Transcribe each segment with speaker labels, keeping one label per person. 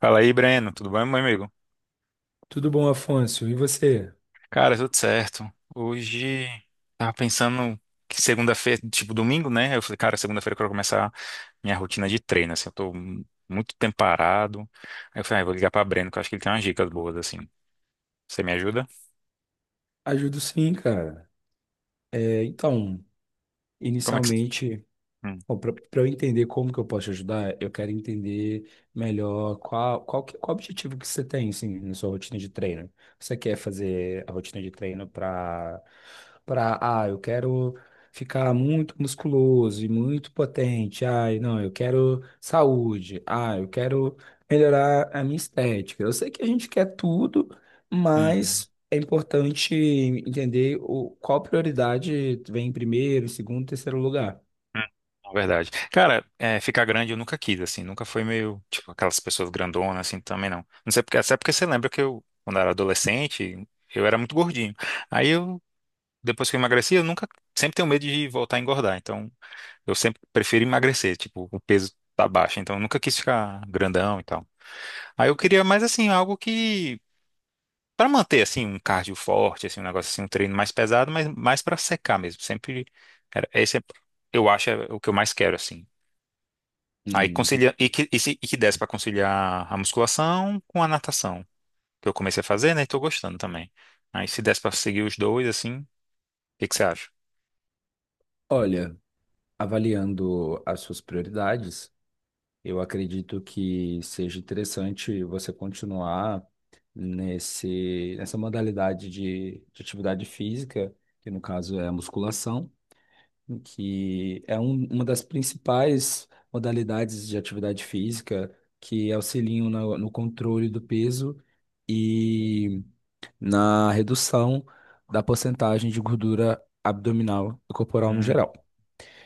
Speaker 1: Fala aí, Breno. Tudo bem, meu amigo?
Speaker 2: Tudo bom, Afonso? E você?
Speaker 1: Cara, tudo certo. Hoje tava pensando que segunda-feira, tipo domingo, né? Eu falei, cara, segunda-feira eu quero começar minha rotina de treino, assim, eu tô muito tempo parado. Aí eu falei, ah, eu vou ligar pra Breno, que eu acho que ele tem umas dicas boas, assim. Você me ajuda?
Speaker 2: Ajudo sim, cara. É, então,
Speaker 1: Como é que você...
Speaker 2: inicialmente.
Speaker 1: Hum.
Speaker 2: Bom, para eu entender como que eu posso te ajudar, eu quero entender melhor qual objetivo que você tem, assim, na sua rotina de treino. Você quer fazer a rotina de treino. Eu quero ficar muito musculoso e muito potente. Ah, não, eu quero saúde. Ah, eu quero melhorar a minha estética. Eu sei que a gente quer tudo,
Speaker 1: Uhum.
Speaker 2: mas é importante entender qual prioridade vem em primeiro, segundo, terceiro lugar.
Speaker 1: Hum, hum. É verdade. Cara, é, ficar grande eu nunca quis, assim, nunca foi meio, tipo, aquelas pessoas grandonas, assim, também não. Não sei porque, até porque você lembra que eu, quando eu era adolescente, eu era muito gordinho. Aí eu depois que eu emagreci, eu nunca, sempre tenho medo de voltar a engordar. Então, eu sempre prefiro emagrecer, tipo, o peso tá baixo. Então, eu nunca quis ficar grandão e tal. Aí eu queria mais assim, algo que pra manter assim um cardio forte, assim um negócio assim, um treino mais pesado, mas mais pra secar mesmo. Sempre era, esse é, eu acho é o que eu mais quero assim. Aí
Speaker 2: Hum,
Speaker 1: conciliar e que, e, se- e que desse pra conciliar a musculação com a natação, que eu comecei a fazer, né, e tô gostando também. Aí se desse pra seguir os dois assim, o que que você acha?
Speaker 2: Olha, avaliando as suas prioridades, eu acredito que seja interessante você continuar nessa modalidade de atividade física, que no caso é a musculação, que é uma das principais modalidades de atividade física que auxiliam no controle do peso e na redução da porcentagem de gordura abdominal e corporal no geral.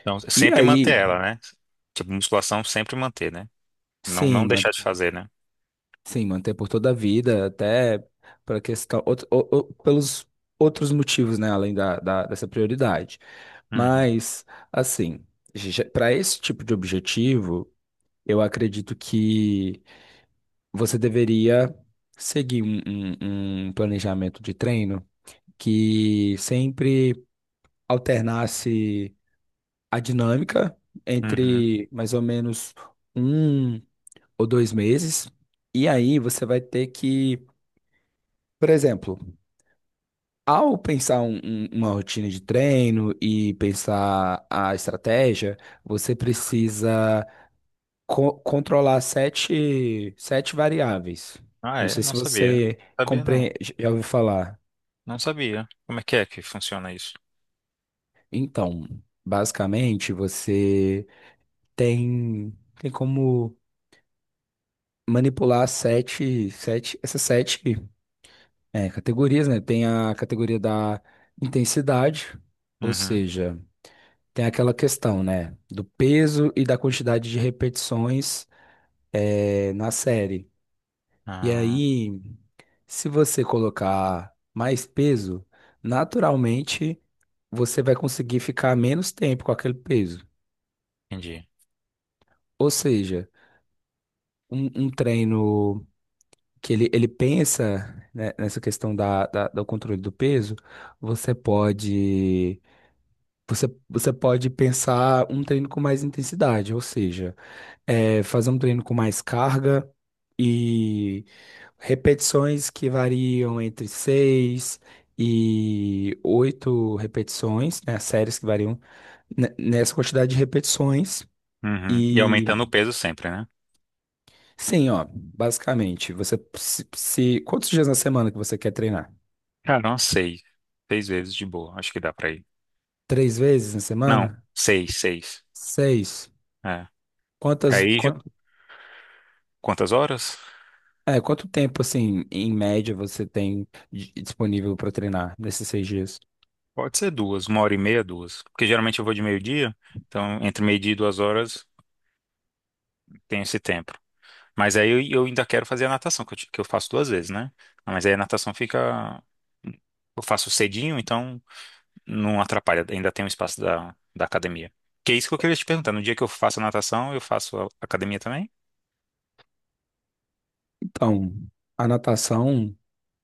Speaker 1: Então,
Speaker 2: E
Speaker 1: sempre manter
Speaker 2: aí,
Speaker 1: ela, né? Tipo, musculação sempre manter, né? Não, não
Speaker 2: sim,
Speaker 1: deixar de fazer, né?
Speaker 2: sim, manter por toda a vida, até para questão, pelos outros motivos, né, além dessa prioridade.
Speaker 1: Uhum.
Speaker 2: Mas, assim, para esse tipo de objetivo, eu acredito que você deveria seguir um planejamento de treino que sempre alternasse a dinâmica
Speaker 1: Uhum.
Speaker 2: entre mais ou menos 1 ou 2 meses, e aí você vai ter que, por exemplo, ao pensar uma rotina de treino e pensar a estratégia, você precisa controlar sete variáveis.
Speaker 1: Ah,
Speaker 2: Não
Speaker 1: é?
Speaker 2: sei
Speaker 1: Não
Speaker 2: se
Speaker 1: sabia.
Speaker 2: você
Speaker 1: Sabia não.
Speaker 2: compre... Já ouviu falar?
Speaker 1: Não sabia. Como é que funciona isso?
Speaker 2: Então, basicamente, você tem, tem como manipular essas sete, categorias, né? Tem a categoria da intensidade, ou
Speaker 1: Uhum.
Speaker 2: seja, tem aquela questão, né, do peso e da quantidade de repetições na série. E
Speaker 1: Ah,
Speaker 2: aí, se você colocar mais peso, naturalmente você vai conseguir ficar menos tempo com aquele peso.
Speaker 1: entendi.
Speaker 2: Ou seja, um treino que ele pensa, né, nessa questão do controle do peso, você pode, você pode pensar um treino com mais intensidade, ou seja, fazer um treino com mais carga e repetições que variam entre 6 e 8 repetições, né? Séries que variam nessa quantidade de repetições.
Speaker 1: Uhum. E aumentando
Speaker 2: E
Speaker 1: o peso sempre, né?
Speaker 2: sim, ó, basicamente, você, quantos dias na semana que você quer treinar?
Speaker 1: Cara, não sei. Seis vezes de boa. Acho que dá pra ir.
Speaker 2: Três vezes na
Speaker 1: Não,
Speaker 2: semana?
Speaker 1: seis, seis.
Speaker 2: Seis?
Speaker 1: É.
Speaker 2: Quantas,
Speaker 1: Aí, Ju,
Speaker 2: quanto,
Speaker 1: quantas horas?
Speaker 2: quanto tempo, assim, em média, você tem disponível para treinar nesses seis dias?
Speaker 1: Pode ser duas, uma hora e meia, duas. Porque geralmente eu vou de meio-dia, então entre meio-dia e duas horas tem esse tempo. Mas aí eu, ainda quero fazer a natação, que que eu faço duas vezes, né? Ah, mas aí a natação fica. Eu faço cedinho, então não atrapalha, ainda tem um espaço da, da academia. Que é isso que eu queria te perguntar. No dia que eu faço a natação, eu faço a academia também?
Speaker 2: Então, a natação,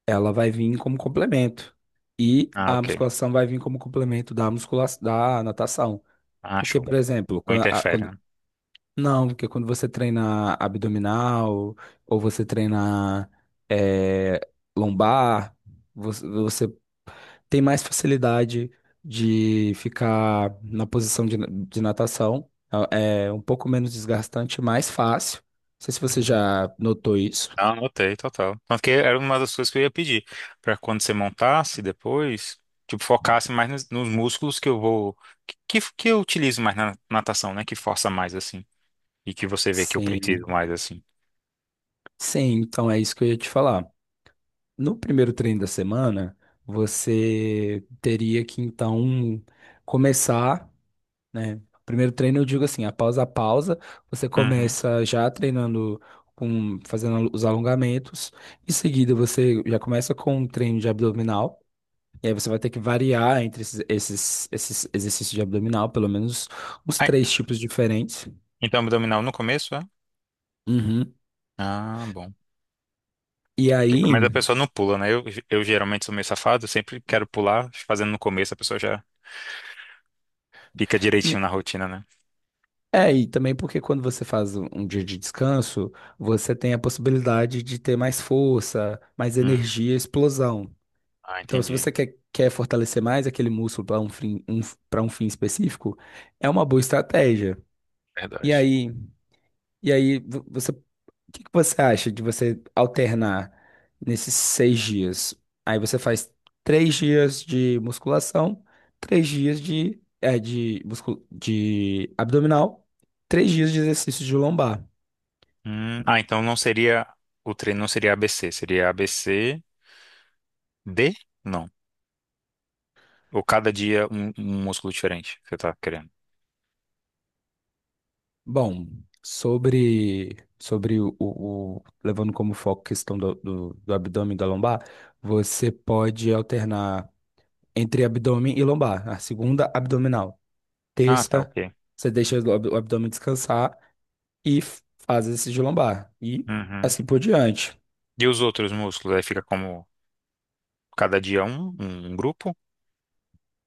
Speaker 2: ela vai vir como complemento. E
Speaker 1: Ah,
Speaker 2: a
Speaker 1: ok.
Speaker 2: musculação vai vir como complemento da musculação, da natação.
Speaker 1: Ah,
Speaker 2: Porque,
Speaker 1: show.
Speaker 2: por exemplo,
Speaker 1: Não interfere, né?
Speaker 2: não, porque quando você treina abdominal ou você treina eh, lombar, você tem mais facilidade de ficar na posição de natação. É um pouco menos desgastante, mais fácil. Não sei se você
Speaker 1: Uhum.
Speaker 2: já notou isso.
Speaker 1: Ah, anotei, total. Tanto que era uma das coisas que eu ia pedir, pra quando você montasse depois, tipo, focasse mais nos, nos músculos que eu vou. Que eu utilizo mais na natação, né? Que força mais assim. E que você vê que eu
Speaker 2: Sim.
Speaker 1: preciso mais assim.
Speaker 2: Sim, então é isso que eu ia te falar. No primeiro treino da semana, você teria que então começar, né? Primeiro treino, eu digo assim, após a pausa, você
Speaker 1: Uhum.
Speaker 2: começa já treinando com fazendo os alongamentos. Em seguida, você já começa com um treino de abdominal. E aí você vai ter que variar entre esses exercícios de abdominal, pelo menos os
Speaker 1: Ai,
Speaker 2: três tipos diferentes.
Speaker 1: então, abdominal no começo, é?
Speaker 2: Uhum.
Speaker 1: Ah, bom.
Speaker 2: E
Speaker 1: Porque pelo
Speaker 2: aí,
Speaker 1: menos a pessoa não pula, né? Eu geralmente sou meio safado, sempre quero pular, fazendo no começo, a pessoa já fica direitinho na rotina, né?
Speaker 2: E também porque quando você faz um dia de descanso, você tem a possibilidade de ter mais força, mais
Speaker 1: Hum.
Speaker 2: energia, explosão.
Speaker 1: Ah,
Speaker 2: Então, se
Speaker 1: entendi.
Speaker 2: você quer fortalecer mais aquele músculo para para um fim específico, é uma boa estratégia. E
Speaker 1: Verdade.
Speaker 2: aí, você, o que que você acha de você alternar nesses seis dias? Aí você faz três dias de musculação, três dias de abdominal, três dias de exercício de lombar.
Speaker 1: Hum. Ah, então não seria, o treino não seria ABC, seria ABCD? Não. Ou cada dia um, um músculo diferente que você tá querendo.
Speaker 2: Bom, sobre, levando como foco a questão do abdômen e da lombar, você pode alternar entre abdômen e lombar. A segunda, abdominal.
Speaker 1: Ah, tá,
Speaker 2: Terça,
Speaker 1: ok.
Speaker 2: você deixa o abdômen descansar. E faz esse de lombar e
Speaker 1: Uhum.
Speaker 2: assim por diante.
Speaker 1: E os outros músculos? Aí fica como cada dia um, um um grupo?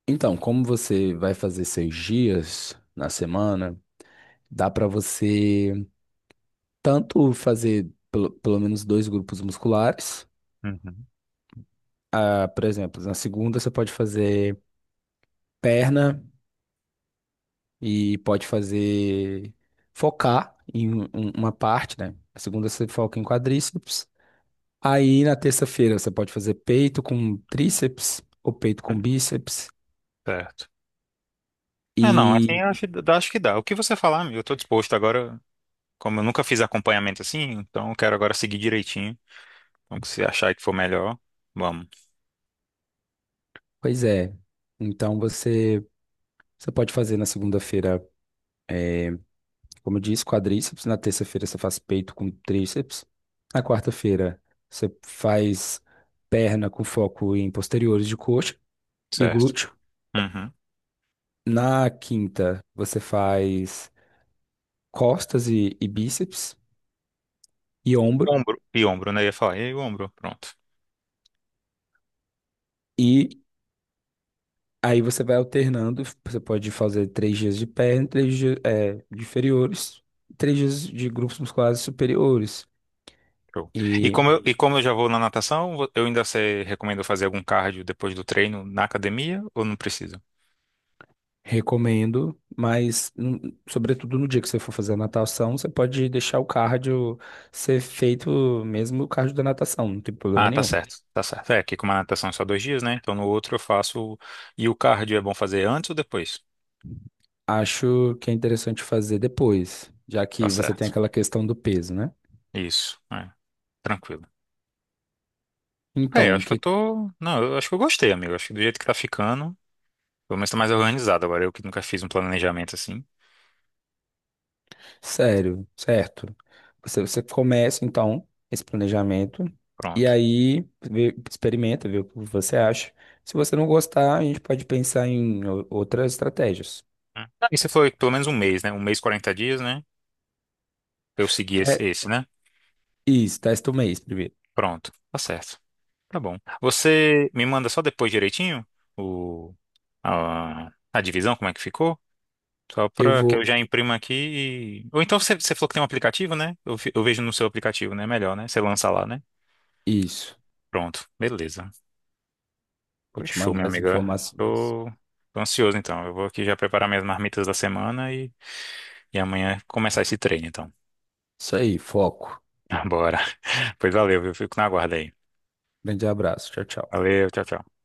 Speaker 2: Então, como você vai fazer seis dias na semana, dá para você tanto fazer pelo menos dois grupos musculares.
Speaker 1: Uhum.
Speaker 2: Ah, por exemplo, na segunda você pode fazer perna e pode fazer focar em uma parte, né? Na segunda você foca em quadríceps. Aí na terça-feira você pode fazer peito com tríceps ou peito
Speaker 1: Hum.
Speaker 2: com bíceps.
Speaker 1: Certo. É, não, assim eu acho, dá- acho que dá. O que você falar, amigo, eu tô disposto agora, como eu nunca fiz acompanhamento assim, então eu quero agora seguir direitinho. Então, se achar que for melhor, vamos,
Speaker 2: Pois é. Então você pode fazer na segunda-feira, como eu disse, quadríceps. Na terça-feira você faz peito com tríceps. Na quarta-feira você faz perna com foco em posteriores de coxa e
Speaker 1: certo.
Speaker 2: glúteo.
Speaker 1: Uhum.
Speaker 2: Na quinta você faz costas e bíceps e ombro.
Speaker 1: Ombro, e ombro, né? Eu ia falar, e aí, ombro, pronto.
Speaker 2: E aí você vai alternando. Você pode fazer três dias de perna, três dias, de inferiores, três dias de grupos musculares superiores.
Speaker 1: Show. E
Speaker 2: E
Speaker 1: como eu, e como eu já vou na natação, eu ainda você recomenda fazer algum cardio depois do treino na academia ou não precisa?
Speaker 2: recomendo, mas sobretudo no dia que você for fazer a natação, você pode deixar o cardio ser feito mesmo o cardio da natação, não tem problema
Speaker 1: Ah, tá
Speaker 2: nenhum.
Speaker 1: certo, tá certo. É que como a natação é só dois dias, né? Então no outro eu faço. E o cardio é bom fazer antes ou depois?
Speaker 2: Acho que é interessante fazer depois, já
Speaker 1: Tá
Speaker 2: que você tem
Speaker 1: certo.
Speaker 2: aquela questão do peso, né?
Speaker 1: Isso, é, tranquilo. É, eu
Speaker 2: Então,
Speaker 1: acho que eu
Speaker 2: que
Speaker 1: tô. Não, eu acho que eu gostei, amigo. Acho que do jeito que tá ficando, pelo menos tá mais organizado agora. Eu que nunca fiz um planejamento assim.
Speaker 2: sério, certo? Você começa então esse planejamento e
Speaker 1: Pronto.
Speaker 2: aí experimenta, vê o que você acha. Se você não gostar, a gente pode pensar em outras estratégias.
Speaker 1: Hum. Ah, e você falou que pelo menos um mês, né? Um mês, 40 dias, né? Pra eu segui
Speaker 2: Te-
Speaker 1: esse, né?
Speaker 2: Isso, testa o mês primeiro.
Speaker 1: Pronto. Tá certo. Tá bom. Você me manda só depois direitinho o, a, a divisão, como é que ficou? Só
Speaker 2: Eu
Speaker 1: pra que
Speaker 2: vou.
Speaker 1: eu já imprima aqui e... Ou então você, você falou que tem um aplicativo, né? Eu vejo no seu aplicativo, né? É melhor, né? Você lança lá, né?
Speaker 2: Isso.
Speaker 1: Pronto. Beleza.
Speaker 2: Vou
Speaker 1: Pois
Speaker 2: te
Speaker 1: show, minha
Speaker 2: mandar as
Speaker 1: amiga.
Speaker 2: informações.
Speaker 1: Tô ansioso, então. Eu vou aqui já preparar minhas marmitas da semana e amanhã começar esse treino, então.
Speaker 2: Isso aí, foco.
Speaker 1: Bora. Pois valeu, viu? Fico na guarda aí.
Speaker 2: Grande abraço. Tchau, tchau.
Speaker 1: Valeu, tchau, tchau.